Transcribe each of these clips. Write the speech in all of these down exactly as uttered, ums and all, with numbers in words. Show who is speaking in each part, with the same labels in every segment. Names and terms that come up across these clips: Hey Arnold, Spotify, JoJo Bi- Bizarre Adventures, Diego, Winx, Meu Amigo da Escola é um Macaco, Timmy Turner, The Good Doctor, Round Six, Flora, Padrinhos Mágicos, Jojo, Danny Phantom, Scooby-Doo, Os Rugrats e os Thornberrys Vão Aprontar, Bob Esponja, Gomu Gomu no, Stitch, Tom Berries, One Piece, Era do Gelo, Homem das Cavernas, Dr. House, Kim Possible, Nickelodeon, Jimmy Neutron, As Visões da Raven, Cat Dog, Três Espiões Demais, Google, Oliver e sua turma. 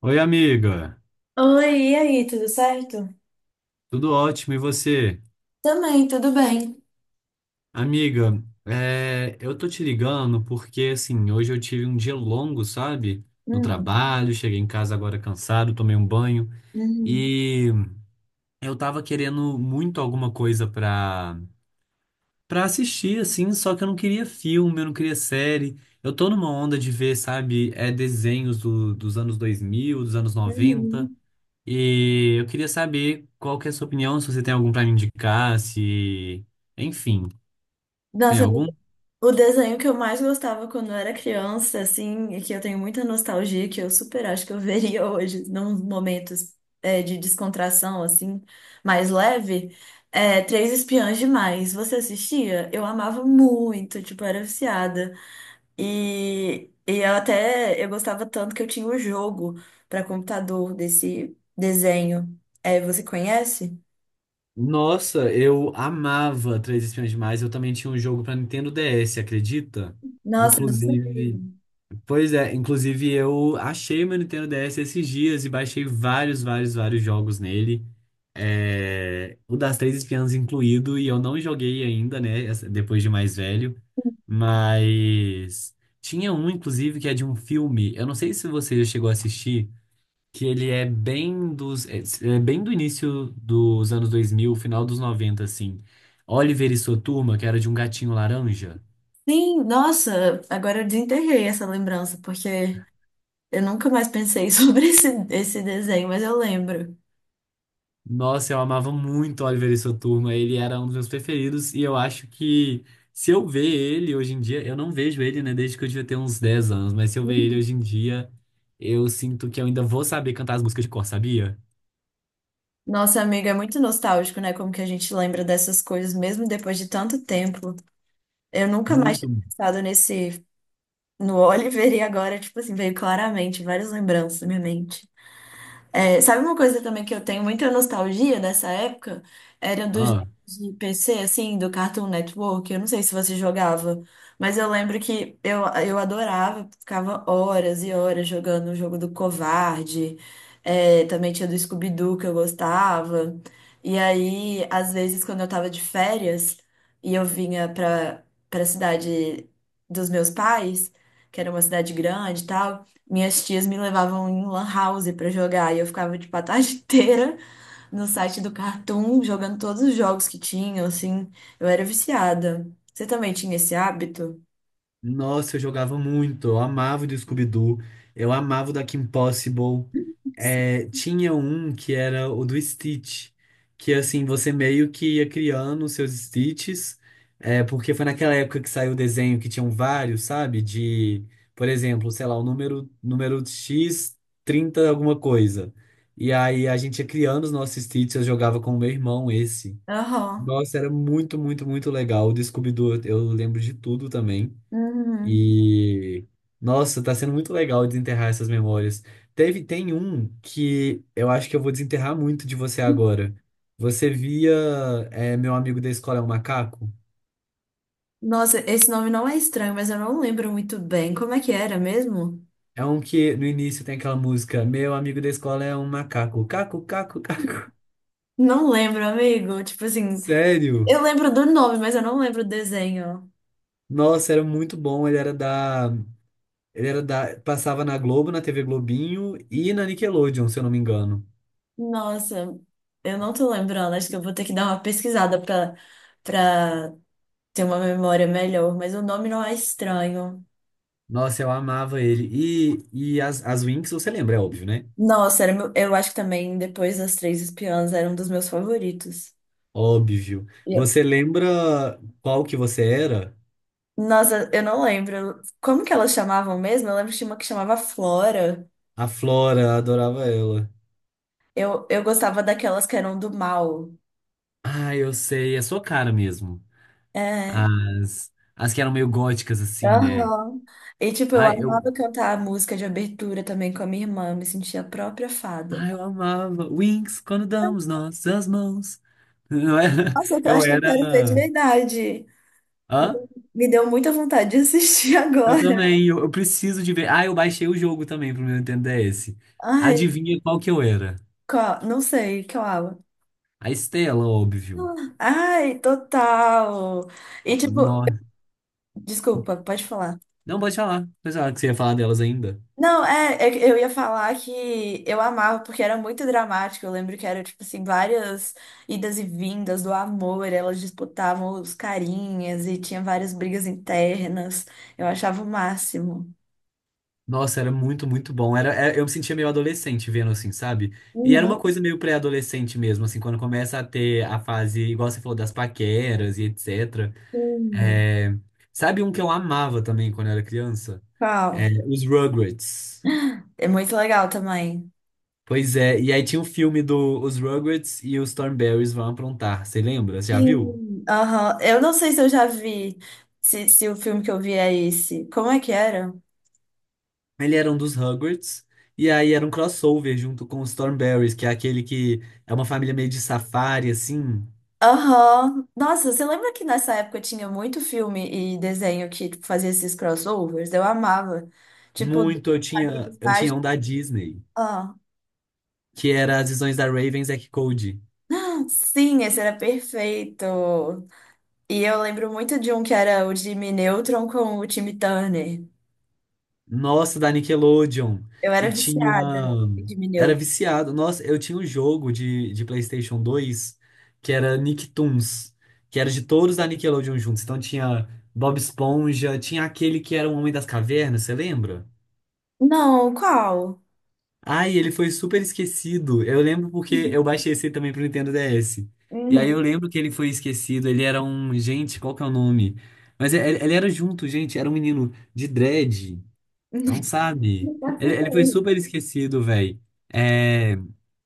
Speaker 1: Oi, amiga.
Speaker 2: Oi, e aí, tudo certo?
Speaker 1: Tudo ótimo, e você?
Speaker 2: Também, tudo bem.
Speaker 1: Amiga, é, eu tô te ligando porque, assim, hoje eu tive um dia longo, sabe? No
Speaker 2: Hum,
Speaker 1: trabalho, cheguei em casa agora cansado, tomei um banho
Speaker 2: uhum,
Speaker 1: e eu tava querendo muito alguma coisa pra, pra assistir, assim, só que eu não queria filme, eu não queria série. Eu tô numa onda de ver, sabe, é, desenhos do- dos anos dois mil, dos anos noventa.
Speaker 2: uhum.
Speaker 1: E eu queria saber qual que é a sua opinião, se você tem algum pra me indicar, se... Enfim, tem
Speaker 2: Nossa,
Speaker 1: algum?
Speaker 2: o desenho que eu mais gostava quando eu era criança, assim, e que eu tenho muita nostalgia, que eu super acho que eu veria hoje, num momentos é, de descontração, assim, mais leve, é Três Espiãs Demais. Você assistia? Eu amava muito, tipo, era viciada. E, e eu até eu gostava tanto que eu tinha o jogo para computador desse desenho. É, você conhece?
Speaker 1: Nossa, eu amava Três Espiões Demais. Eu também tinha um jogo pra Nintendo D S, acredita?
Speaker 2: Nossa, eu não sabia.
Speaker 1: Inclusive. Pois é, inclusive eu achei meu Nintendo D S esses dias e baixei vários, vários, vários jogos nele. É, o das Três Espiãs incluído, e eu não joguei ainda, né? essa- Depois de mais velho. Mas tinha um, inclusive, que é de um filme. Eu não sei se você já chegou a assistir, que ele é bem dos. É é bem do início dos anos dois mil, final dos noventa, assim. Oliver e sua turma, que era de um gatinho laranja.
Speaker 2: Sim, nossa, agora eu desenterrei essa lembrança, porque eu nunca mais pensei sobre esse, esse desenho, mas eu lembro.
Speaker 1: Nossa, eu amava muito o Oliver e sua turma. Ele era um dos meus preferidos. E eu acho que se eu ver ele hoje em dia, eu não vejo ele, né, desde que eu devia ter uns dez anos, mas se eu ver ele hoje em dia, eu sinto que eu ainda vou saber cantar as músicas de cor, sabia?
Speaker 2: Nossa, amiga, é muito nostálgico, né? Como que a gente lembra dessas coisas mesmo depois de tanto tempo. Eu nunca mais
Speaker 1: Muito.
Speaker 2: tinha pensado nesse, no Oliver e agora, tipo assim, veio claramente várias lembranças na minha mente. É, sabe uma coisa também que eu tenho muita nostalgia nessa época? Era dos jogos
Speaker 1: Ah.
Speaker 2: de P C, assim, do Cartoon Network. Eu não sei se você jogava, mas eu lembro que eu, eu adorava, ficava horas e horas jogando o jogo do Covarde. É, também tinha do Scooby-Doo que eu gostava. E aí, às vezes, quando eu tava de férias e eu vinha pra, pra cidade dos meus pais, que era uma cidade grande e tal. Minhas tias me levavam em lan house pra jogar e eu ficava, tipo, a tarde inteira no site do Cartoon jogando todos os jogos que tinham, assim. Eu era viciada. Você também tinha esse hábito?
Speaker 1: Nossa, eu jogava muito. Eu amava o do Scooby-Doo. Eu amava o da Kim Possible. É, tinha um que era o do Stitch. Que assim, você meio que ia criando os seus Stitches. É, porque foi naquela época que saiu o desenho que tinham vários, sabe? De, por exemplo, sei lá, o número, número X, trinta alguma coisa. E aí a gente ia criando os nossos Stitches. Eu jogava com o meu irmão esse.
Speaker 2: Aham.
Speaker 1: Nossa, era muito, muito, muito legal. O do Scooby-Doo, eu eu lembro de tudo também.
Speaker 2: Uhum.
Speaker 1: E nossa, tá sendo muito legal desenterrar essas memórias. Teve, tem um que eu acho que eu vou desenterrar muito de você agora. Você via é, Meu Amigo da Escola é um Macaco?
Speaker 2: Nossa, esse nome não é estranho, mas eu não lembro muito bem. Como é que era mesmo?
Speaker 1: É um que no início tem aquela música Meu amigo da escola é um macaco. Caco, caco, caco.
Speaker 2: Não lembro, amigo. Tipo assim,
Speaker 1: Sério?
Speaker 2: eu lembro do nome, mas eu não lembro o desenho.
Speaker 1: Nossa, era muito bom. Ele era da. Ele era da. Passava na Globo, na T V Globinho e na Nickelodeon, se eu não me engano.
Speaker 2: Nossa, eu não tô lembrando. Acho que eu vou ter que dar uma pesquisada. Pra, pra Tem uma memória melhor, mas o nome não é estranho.
Speaker 1: Nossa, eu amava ele. E, e as, as Winx, você lembra, é óbvio, né?
Speaker 2: Nossa, era meu- eu acho que também depois das Três Espiãs era um dos meus favoritos.
Speaker 1: Óbvio.
Speaker 2: E eu-
Speaker 1: Você lembra qual que você era?
Speaker 2: Nossa, eu não lembro como que elas chamavam mesmo. Eu lembro que tinha uma que chamava Flora.
Speaker 1: A Flora, adorava ela.
Speaker 2: Eu, eu gostava daquelas que eram do mal.
Speaker 1: Ah, eu sei, é sua cara mesmo.
Speaker 2: É.
Speaker 1: As, as que eram meio góticas, assim, né?
Speaker 2: Aham. E tipo, eu
Speaker 1: Ai, eu,
Speaker 2: amava cantar a música de abertura também com a minha irmã. Me sentia a própria fada.
Speaker 1: ai, eu amava. Wings, quando damos nossas mãos. Não era-
Speaker 2: Nossa, eu
Speaker 1: Eu
Speaker 2: acho que eu
Speaker 1: era.
Speaker 2: quero ver de verdade.
Speaker 1: Hã?
Speaker 2: Me deu muita vontade de assistir
Speaker 1: Eu
Speaker 2: agora.
Speaker 1: também, eu, eu preciso de ver. Ah, eu baixei o jogo também pro meu Nintendo D S.
Speaker 2: Ai,
Speaker 1: Adivinha qual que eu era?
Speaker 2: qual? Não sei, qual?
Speaker 1: A Estela, óbvio.
Speaker 2: Ai, total. E tipo,
Speaker 1: Nossa.
Speaker 2: desculpa, pode falar.
Speaker 1: Não, pode falar. Pode falar que você ia falar delas ainda.
Speaker 2: Não, é, é que eu ia falar que eu amava porque era muito dramático. Eu lembro que era tipo assim, várias idas e vindas do amor, elas disputavam os carinhas e tinha várias brigas internas. Eu achava o máximo.
Speaker 1: Nossa, era muito, muito bom. Era, é- eu me sentia meio adolescente vendo assim, sabe? E era uma
Speaker 2: Uhum,
Speaker 1: coisa meio pré-adolescente mesmo, assim, quando começa a ter a fase, igual você falou, das paqueras e et cetera.
Speaker 2: sim.
Speaker 1: É, sabe um que eu amava também quando era criança? É,
Speaker 2: Qual?
Speaker 1: os Rugrats.
Speaker 2: É muito legal também.
Speaker 1: Pois é, e aí tinha o filme do Os Rugrats e os Thornberrys Vão Aprontar, você lembra? Você já viu?
Speaker 2: Sim. Aham. Eu não sei se eu já vi, se, se o filme que eu vi é esse. Como é que era?
Speaker 1: Ele era um dos Rugrats, e aí era um crossover junto com os Thornberrys, que é aquele que é uma família meio de safari, assim.
Speaker 2: Aham. Nossa, você lembra que nessa época tinha muito filme e desenho que tipo, fazia esses crossovers? Eu amava. Tipo, dos
Speaker 1: Muito, eu tinha,
Speaker 2: quadrinhos
Speaker 1: eu tinha
Speaker 2: mágicos.
Speaker 1: um da Disney,
Speaker 2: Ah,
Speaker 1: que era As Visões da Raven, e Zack Cody.
Speaker 2: sim, esse era perfeito. E eu lembro muito de um que era o Jimmy Neutron com o Timmy Turner.
Speaker 1: Nossa, da Nickelodeon.
Speaker 2: Eu
Speaker 1: E
Speaker 2: era
Speaker 1: tinha.
Speaker 2: viciada em Jimmy
Speaker 1: Era
Speaker 2: Neutron.
Speaker 1: viciado. Nossa, eu tinha um jogo de, de PlayStation dois que era Nicktoons, que era de todos da Nickelodeon juntos. Então tinha Bob Esponja, tinha aquele que era o Homem das Cavernas, você lembra?
Speaker 2: Não, qual?
Speaker 1: Ai, ele foi super esquecido. Eu lembro porque eu baixei esse também pro Nintendo D S. E aí eu
Speaker 2: Uhum.
Speaker 1: lembro que ele foi esquecido. Ele era um. Gente, qual que é o nome? Mas ele, ele era junto, gente. Era um menino de dread. Não sabe?
Speaker 2: Não faço
Speaker 1: Ele, ele foi
Speaker 2: ideia.
Speaker 1: super esquecido, velho. É.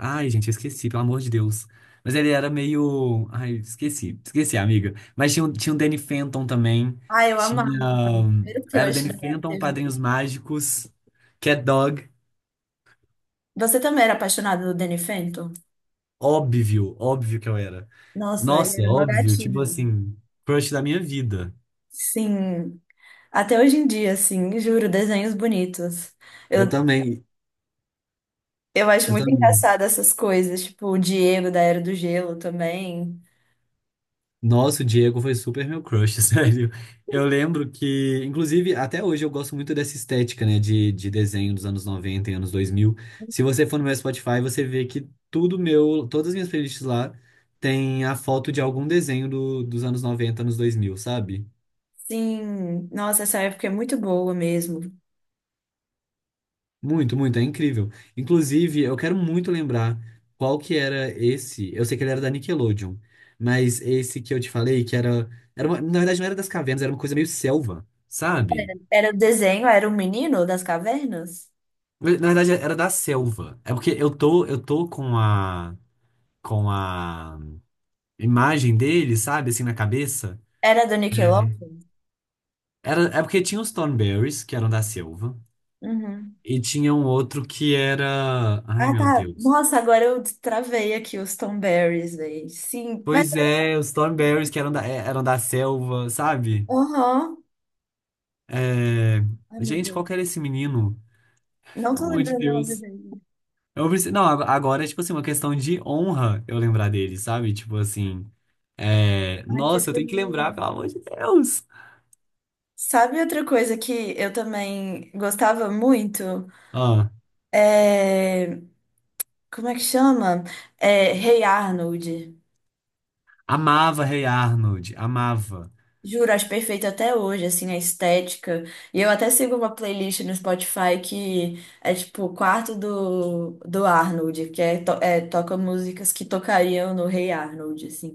Speaker 1: Ai, gente, eu esqueci, pelo amor de Deus. Mas ele era meio. Ai, esqueci. Esqueci, amiga. Mas tinha, o- tinha o Danny Phantom também.
Speaker 2: Ah, eu
Speaker 1: Tinha.
Speaker 2: amava. Era o
Speaker 1: Era
Speaker 2: crush
Speaker 1: Danny
Speaker 2: da
Speaker 1: Phantom,
Speaker 2: T V.
Speaker 1: Padrinhos Mágicos, Cat Dog.
Speaker 2: Você também era apaixonada do Danny Phantom?
Speaker 1: Óbvio, óbvio que eu era.
Speaker 2: Nossa, ele
Speaker 1: Nossa,
Speaker 2: era meu
Speaker 1: óbvio, tipo
Speaker 2: gatinho.
Speaker 1: assim, crush da minha vida.
Speaker 2: Sim, até hoje em dia, assim, juro, desenhos bonitos.
Speaker 1: Eu
Speaker 2: Eu,
Speaker 1: também,
Speaker 2: eu acho
Speaker 1: eu
Speaker 2: muito
Speaker 1: também.
Speaker 2: engraçado essas coisas, tipo o Diego da Era do Gelo também.
Speaker 1: Nossa, o Diego foi super meu crush, sério. Eu lembro que, inclusive, até hoje eu gosto muito dessa estética, né, de, de desenho dos anos noventa, e anos dois mil. Se você for no meu Spotify, você vê que tudo meu, todas as minhas playlists lá tem a foto de algum desenho do- dos anos noventa, anos dois mil, sabe?
Speaker 2: Sim, nossa, essa época é muito boa mesmo.
Speaker 1: Muito, muito, é incrível. Inclusive, eu quero muito lembrar qual que era esse. Eu sei que ele era da Nickelodeon, mas esse que eu te falei, que era, era uma- na verdade não era das cavernas, era uma coisa meio selva, sabe?
Speaker 2: Era o desenho, era o menino das cavernas?
Speaker 1: Na verdade era da selva. É porque eu tô, eu tô com a com a imagem dele, sabe, assim na cabeça.
Speaker 2: Era do Nickelodeon?
Speaker 1: Era, é porque tinha os Thornberrys, que eram da selva,
Speaker 2: Uhum.
Speaker 1: e tinha um outro que era, ai
Speaker 2: Ah,
Speaker 1: meu
Speaker 2: tá.
Speaker 1: Deus.
Speaker 2: Nossa, agora eu travei aqui os Tom Berries, velho. Sim, mas.
Speaker 1: Pois é, os Thornberrys que eram da, é, eram da selva, sabe?
Speaker 2: Aham.
Speaker 1: É,
Speaker 2: Ai, meu
Speaker 1: gente,
Speaker 2: Deus.
Speaker 1: qual que era esse menino?
Speaker 2: Não
Speaker 1: Pelo
Speaker 2: tô
Speaker 1: amor de
Speaker 2: lembrando o nome
Speaker 1: Deus.
Speaker 2: dele.
Speaker 1: Eu preciso... Não, ag- agora é tipo assim, uma questão de honra eu lembrar dele, sabe? Tipo assim. é,
Speaker 2: Ai, que
Speaker 1: Nossa, eu tenho que lembrar,
Speaker 2: bonito.
Speaker 1: pelo amor de Deus.
Speaker 2: Sabe outra coisa que eu também gostava muito?
Speaker 1: Ó,
Speaker 2: É, como é que chama? É, Hey Arnold.
Speaker 1: amava Rei Arnold, amava.
Speaker 2: Juro, acho perfeito até hoje, assim, a estética. E eu até sigo uma playlist no Spotify que é tipo o quarto do, do Arnold, que é, to- é, toca músicas que tocariam no Hey Arnold, assim.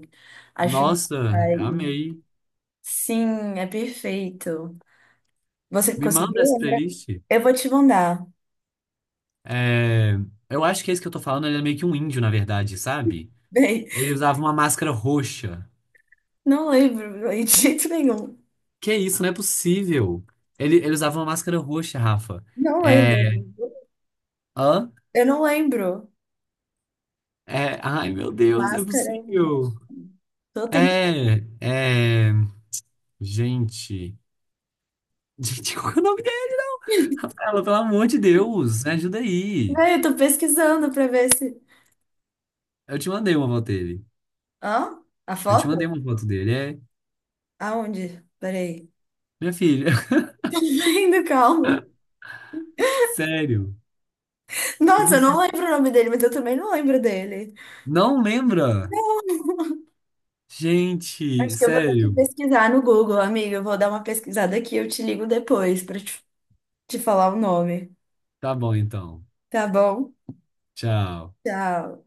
Speaker 2: Acho.
Speaker 1: Nossa,
Speaker 2: Ai,
Speaker 1: amei.
Speaker 2: sim, é perfeito. Você
Speaker 1: Me manda
Speaker 2: conseguiu
Speaker 1: essa
Speaker 2: lembrar?
Speaker 1: playlist.
Speaker 2: Eu vou te mandar.
Speaker 1: É, eu acho que esse que eu tô falando, ele é meio que um índio, na verdade, sabe?
Speaker 2: Beijo.
Speaker 1: Ele usava uma máscara roxa.
Speaker 2: Não lembro, de jeito nenhum.
Speaker 1: Que isso, não é possível. Ele, ele usava uma máscara roxa, Rafa.
Speaker 2: Não lembro,
Speaker 1: É.
Speaker 2: amigo.
Speaker 1: Hã?
Speaker 2: Eu não lembro.
Speaker 1: É. Ai, meu Deus, não é
Speaker 2: Máscara. eu
Speaker 1: possível.
Speaker 2: tô, ten-
Speaker 1: É. É. Gente. Gente, qual que é o nome dele? Rafaela, pelo amor de Deus, me ajuda aí.
Speaker 2: Ah, eu tô pesquisando pra ver se.
Speaker 1: Eu te mandei uma foto dele.
Speaker 2: Hã? A
Speaker 1: Eu te mandei
Speaker 2: foto?
Speaker 1: uma foto dele. É.
Speaker 2: Aonde? Peraí.
Speaker 1: Minha filha.
Speaker 2: Ainda, calma.
Speaker 1: Sério. Você
Speaker 2: Nossa, eu não
Speaker 1: precisa-
Speaker 2: lembro o nome dele, mas eu também não lembro dele.
Speaker 1: Não lembra? Gente,
Speaker 2: Acho que eu vou ter que
Speaker 1: sério.
Speaker 2: pesquisar no Google, amiga. Eu vou dar uma pesquisada aqui, eu te ligo depois pra te te falar o nome.
Speaker 1: Tá bom, então.
Speaker 2: Tá bom?
Speaker 1: Tchau.
Speaker 2: Tchau.